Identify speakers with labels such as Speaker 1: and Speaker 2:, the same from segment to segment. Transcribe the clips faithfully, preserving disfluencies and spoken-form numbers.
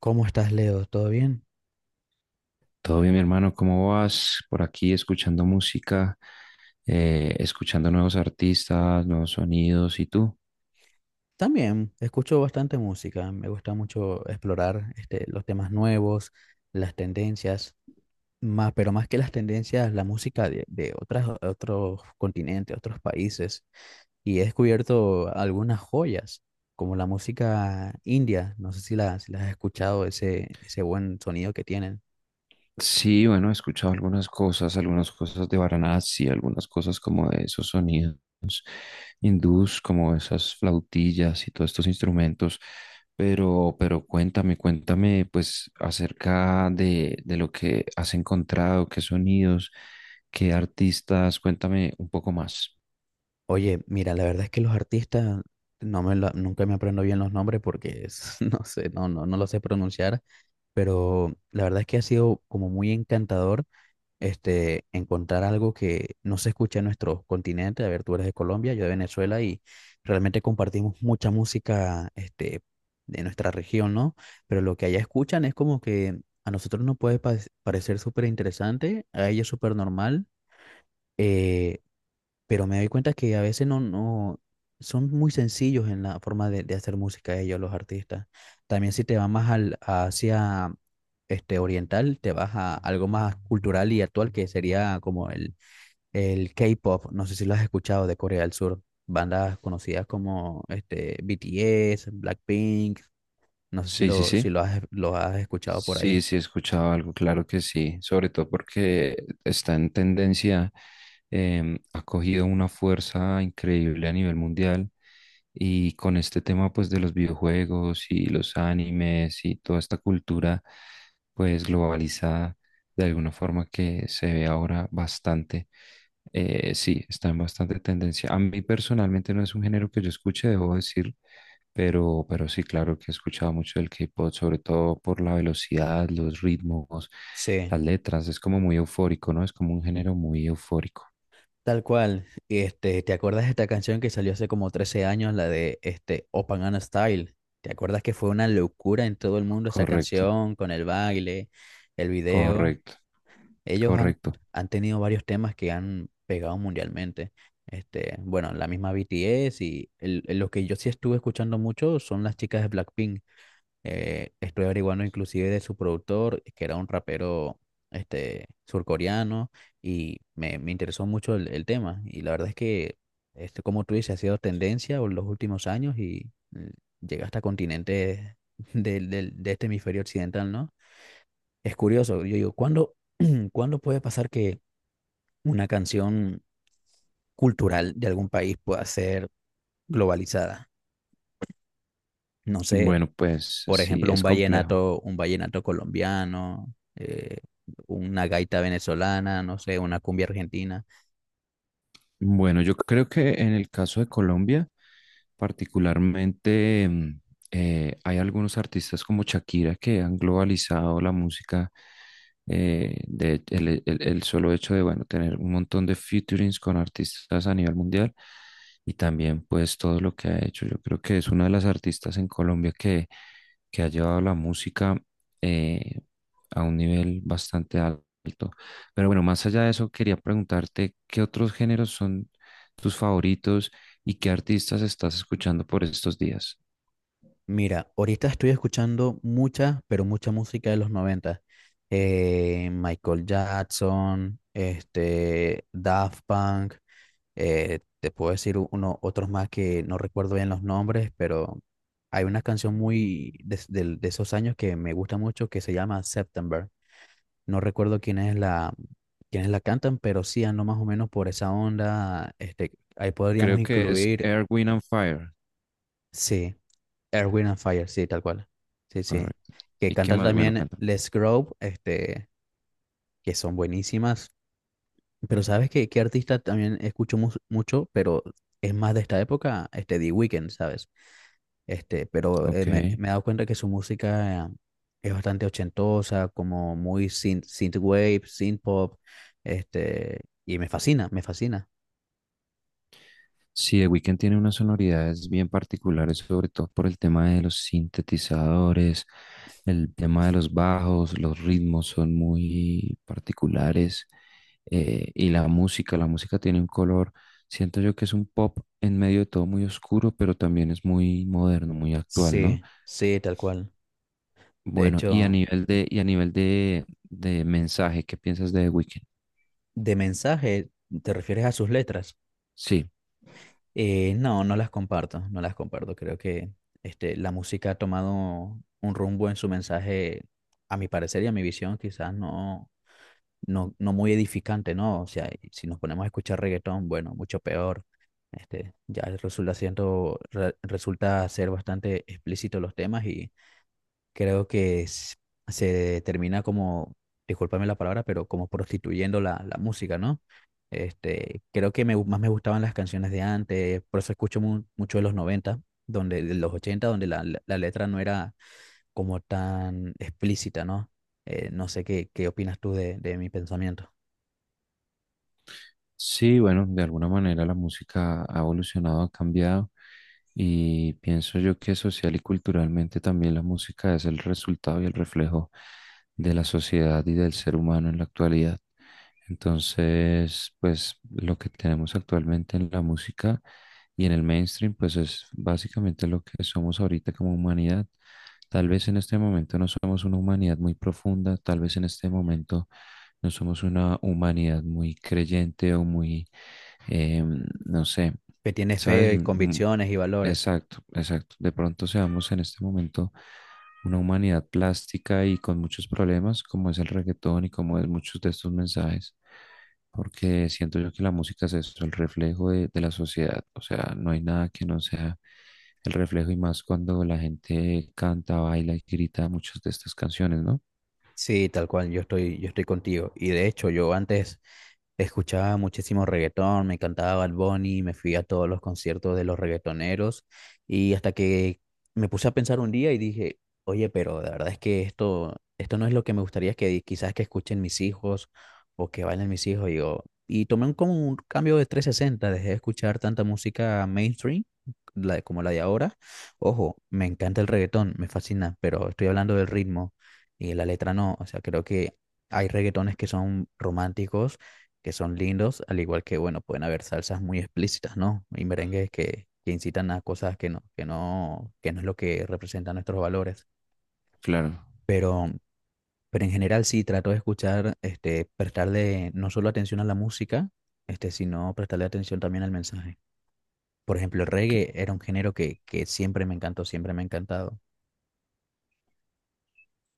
Speaker 1: ¿Cómo estás, Leo? ¿Todo bien?
Speaker 2: Todo bien, mi hermano, ¿cómo vas? Por aquí escuchando música, eh, escuchando nuevos artistas, nuevos sonidos, ¿y tú?
Speaker 1: También escucho bastante música. Me gusta mucho explorar este, los temas nuevos, las tendencias, más, pero más que las tendencias, la música de, de otras, otros continentes, otros países. Y he descubierto algunas joyas, como la música india. No sé si la, si la has escuchado, ese, ese buen sonido que tienen.
Speaker 2: Sí, bueno, he escuchado algunas cosas, algunas cosas de Varanasi, algunas cosas como de esos sonidos hindús, como esas flautillas y todos estos instrumentos, pero, pero cuéntame, cuéntame pues acerca de, de lo que has encontrado, qué sonidos, qué artistas, cuéntame un poco más.
Speaker 1: Oye, mira, la verdad es que los artistas, no me lo- nunca me aprendo bien los nombres porque es- no sé, no, no, no lo sé pronunciar, pero la verdad es que ha sido como muy encantador, este, encontrar algo que no se escucha en nuestro continente. A ver, tú eres de Colombia, yo de Venezuela y realmente compartimos mucha música, este, de nuestra región, ¿no? Pero lo que allá escuchan es como que a nosotros nos puede pa- parecer súper interesante, a ella súper normal. Pero me doy cuenta que a veces no, no son muy sencillos en la forma de, de hacer música ellos, los artistas. También si te vas más al, hacia este oriental, te vas a algo más cultural y actual que sería como el, el K-pop. No sé si lo has escuchado de Corea del Sur. Bandas conocidas como este B T S, Blackpink. No sé si
Speaker 2: Sí, sí,
Speaker 1: lo, si
Speaker 2: sí.
Speaker 1: lo has, lo has escuchado por ahí.
Speaker 2: Sí, sí he escuchado algo, claro que sí, sobre todo porque está en tendencia, em, ha cogido una fuerza increíble a nivel mundial y con este tema pues de los videojuegos y los animes y toda esta cultura pues globalizada de alguna forma que se ve ahora bastante, eh, sí, está en bastante tendencia. A mí personalmente no es un género que yo escuche, debo decir, pero, pero sí, claro que he escuchado mucho del K-pop, sobre todo por la velocidad, los ritmos,
Speaker 1: Sí.
Speaker 2: las letras. Es como muy eufórico, ¿no? Es como un género muy eufórico.
Speaker 1: Tal cual. Este, ¿te acuerdas de esta canción que salió hace como trece años, la de este Open and Style? ¿Te acuerdas que fue una locura en todo el mundo esa
Speaker 2: Correcto,
Speaker 1: canción, con el baile, el video?
Speaker 2: correcto,
Speaker 1: Ellos han,
Speaker 2: correcto.
Speaker 1: Han tenido varios temas que han pegado mundialmente. Este, bueno, la misma B T S y el- el- lo que yo sí estuve escuchando mucho son las chicas de Blackpink. Eh, estuve averiguando inclusive de su productor, que era un rapero, este, surcoreano, y me, me interesó mucho el, el tema. Y la verdad es que, este, como tú dices, ha sido tendencia en los últimos años y mm, llega hasta continentes del- del- de este hemisferio occidental, ¿no? Es curioso, yo digo, ¿cuándo, ¿cuándo puede pasar que una canción cultural de algún país pueda ser globalizada? No sé.
Speaker 2: Bueno, pues
Speaker 1: Por
Speaker 2: sí,
Speaker 1: ejemplo, un
Speaker 2: es complejo.
Speaker 1: vallenato, un vallenato colombiano, eh, una gaita venezolana, no sé, una cumbia argentina.
Speaker 2: Bueno, yo creo que en el caso de Colombia, particularmente, mm, eh, hay algunos artistas como Shakira que han globalizado la música. Eh, de, el, e, el- el solo hecho de, bueno, tener un montón de featurings con artistas a nivel mundial y también pues todo lo que ha hecho. Yo creo que es una de las artistas en Colombia que, que ha llevado la música eh, a un nivel bastante alto. Pero bueno, más allá de eso, quería preguntarte qué otros géneros son tus favoritos y qué artistas estás escuchando por estos días.
Speaker 1: Mira, ahorita estoy escuchando mucha, pero mucha música de los noventa. Eh, Michael Jackson, este, Daft Punk, eh, te puedo decir uno, otros más que no recuerdo bien los nombres, pero hay una canción muy de, de- de esos años que me gusta mucho que se llama September. No recuerdo quién es la, quiénes la cantan, pero sí ando más o menos por esa onda. Este, ahí podríamos
Speaker 2: Creo que es
Speaker 1: incluir,
Speaker 2: Air, Wind and Fire,
Speaker 1: sí, Earth, Wind and Fire, sí, tal cual. Sí, sí.
Speaker 2: correcto.
Speaker 1: Que
Speaker 2: ¿Y qué
Speaker 1: cantan
Speaker 2: más? Bueno,
Speaker 1: también
Speaker 2: cuéntame.
Speaker 1: Les Grove, este, que son buenísimas. Pero ¿sabes qué, qué artista también escucho mu- mucho, pero es más de esta época? Este, The Weeknd, ¿sabes? Este, pero eh, me,
Speaker 2: Ok.
Speaker 1: me he dado cuenta que su música eh, es bastante ochentosa, como muy synth, synthwave, synth pop, este, y me fascina, me fascina.
Speaker 2: Sí, The Weeknd tiene unas sonoridades bien particulares, sobre todo por el tema de los sintetizadores, el tema de los bajos, los ritmos son muy particulares eh, y la música, la música tiene un color, siento yo que es un pop en medio de todo muy oscuro, pero también es muy moderno, muy actual, ¿no?
Speaker 1: Sí, sí, tal cual. De
Speaker 2: Bueno, y a
Speaker 1: hecho,
Speaker 2: nivel de, y a nivel de, de mensaje, ¿qué piensas de The Weeknd?
Speaker 1: de mensaje, ¿te refieres a sus letras?
Speaker 2: Sí.
Speaker 1: Eh, no, no las comparto, no las comparto. Creo que, este, la música ha tomado un rumbo en su mensaje, a mi parecer y a mi visión, quizás no no, no muy edificante, ¿no? O sea, y si nos ponemos a escuchar reggaetón, bueno, mucho peor. Este, ya resulta siendo, re- resulta ser bastante explícito los temas y creo que s- se termina como, discúlpame la palabra, pero como prostituyendo la, la música, ¿no? Este, creo que me, gu- más me gustaban las canciones de antes, por eso escucho mu- mucho de los noventa, donde, de los ochenta donde la, la la letra no era como tan explícita, ¿no? Eh, no sé qué, qué opinas tú de, de mi pensamiento.
Speaker 2: Sí, bueno, de alguna manera la música ha evolucionado, ha cambiado y pienso yo que social y culturalmente también la música es el resultado y el reflejo de la sociedad y del ser humano en la actualidad. Entonces, pues lo que tenemos actualmente en la música y en el mainstream, pues es básicamente lo que somos ahorita como humanidad. Tal vez en este momento no somos una humanidad muy profunda, tal vez en este momento no somos una humanidad muy creyente o muy, eh, no sé,
Speaker 1: Que tiene
Speaker 2: ¿sabes?
Speaker 1: fe,
Speaker 2: Mm,
Speaker 1: convicciones y valores.
Speaker 2: exacto, exacto. De pronto seamos en este momento una humanidad plástica y con muchos problemas, como es el reggaetón y como es muchos de estos mensajes, porque siento yo que la música es eso, el reflejo de, de la sociedad. O sea, no hay nada que no sea el reflejo y más cuando la gente canta, baila y grita muchas de estas canciones, ¿no?
Speaker 1: Sí, tal cual, yo estoy, yo estoy contigo. Y de hecho, yo antes escuchaba muchísimo reggaetón, me encantaba Bad Bunny, me fui a todos los conciertos de los reggaetoneros y hasta que me puse a pensar un día y dije, oye, pero la verdad es que esto, esto no es lo que me gustaría que quizás que escuchen mis hijos o que bailen mis hijos. Y, yo- y tomé un, como un cambio de trescientos sesenta. Dejé de escuchar tanta música mainstream la- como la de ahora. Ojo, me encanta el reggaetón, me fascina, pero estoy hablando del ritmo y la letra no. O sea, creo que hay reggaetones que son románticos, que son lindos, al igual que, bueno, pueden haber salsas muy explícitas, ¿no? Y merengues que, que incitan a cosas que no, que no, que no es lo que representan nuestros valores.
Speaker 2: Claro.
Speaker 1: Pero, pero en general sí, trato de escuchar, este, prestarle no solo atención a la música, este, sino prestarle atención también al mensaje. Por ejemplo, el reggae era un género que, que siempre me encantó, siempre me ha encantado.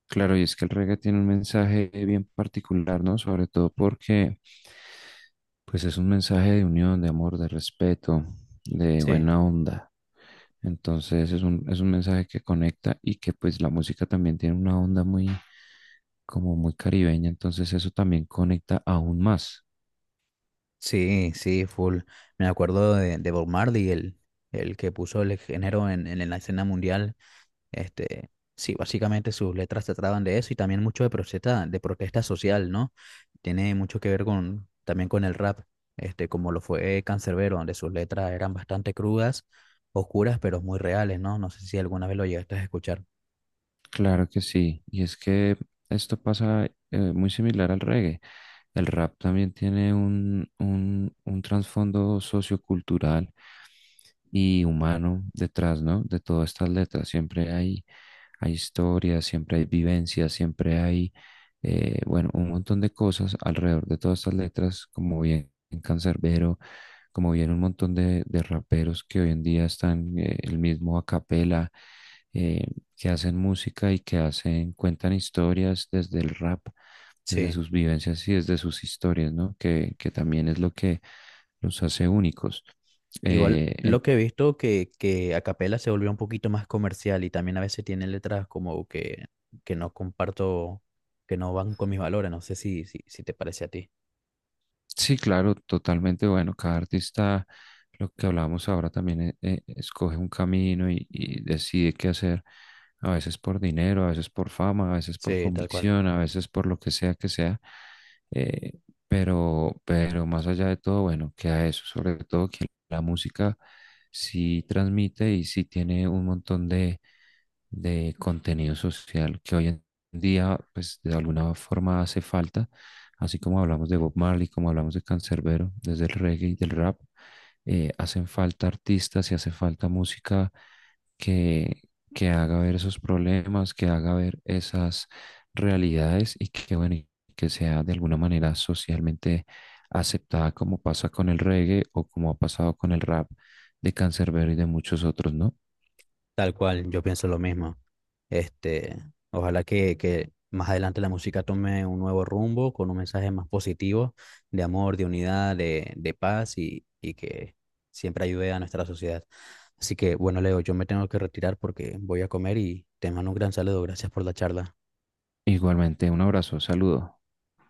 Speaker 2: Claro, y es que el reggae tiene un mensaje bien particular, ¿no? Sobre todo porque pues es un mensaje de unión, de amor, de respeto, de
Speaker 1: Sí.
Speaker 2: buena onda. Entonces es un, es un mensaje que conecta y que pues la música también tiene una onda muy como muy caribeña, entonces eso también conecta aún más.
Speaker 1: Sí, sí, full. Me acuerdo de, de Bob Marley, el, el que puso el género en, en la escena mundial. Este, sí, básicamente sus letras trataban de eso y también mucho de protesta, de protesta social, ¿no? Tiene mucho que ver con, también con el rap, este, como lo fue Canserbero, donde sus letras eran bastante crudas, oscuras, pero muy reales, ¿no? No sé si alguna vez lo llegaste a escuchar.
Speaker 2: Claro que sí, y es que esto pasa eh, muy similar al reggae. El rap también tiene un, un, un trasfondo sociocultural y humano detrás, ¿no? De todas estas letras. Siempre hay, hay historias, siempre hay vivencias, siempre hay, eh, bueno, un montón de cosas alrededor de todas estas letras, como bien Cancerbero, como bien un montón de, de raperos que hoy en día están, eh, el mismo a capela, eh, que hacen música y que hacen, cuentan historias desde el rap, desde
Speaker 1: Sí.
Speaker 2: sus vivencias y desde sus historias, ¿no? Que, que también es lo que los hace únicos.
Speaker 1: Igual
Speaker 2: Eh,
Speaker 1: lo
Speaker 2: en-
Speaker 1: que he visto que, que a capela se volvió un poquito más comercial y también a veces tiene letras como que, que no comparto, que no van con mis valores. No sé si, si, si te parece a ti.
Speaker 2: Sí, claro, totalmente. Bueno, cada artista, lo que hablábamos ahora también, eh, eh, escoge un camino y, y decide qué hacer, a veces por dinero, a veces por fama, a veces por
Speaker 1: Sí, tal cual.
Speaker 2: convicción, a veces por lo que sea que sea. eh, pero, pero más allá de todo, bueno, queda eso, sobre todo que la música sí transmite y sí tiene un montón de, de contenido social que hoy en día, pues de alguna forma hace falta. Así como hablamos de Bob Marley, como hablamos de Canserbero, desde el reggae y del rap, eh, hacen falta artistas y hace falta música que, que haga ver esos problemas, que haga ver esas realidades y que, bueno, y que sea de alguna manera socialmente aceptada como pasa con el reggae o como ha pasado con el rap de Canserbero y de muchos otros, ¿no?
Speaker 1: Tal cual, yo pienso lo mismo. Este, ojalá que, que más adelante la música tome un nuevo rumbo con un mensaje más positivo de amor, de unidad, de, de paz y, y que siempre ayude a nuestra sociedad. Así que, bueno, Leo, yo me tengo que retirar porque voy a comer y te mando un gran saludo. Gracias por la charla.
Speaker 2: Igualmente, un abrazo, saludo.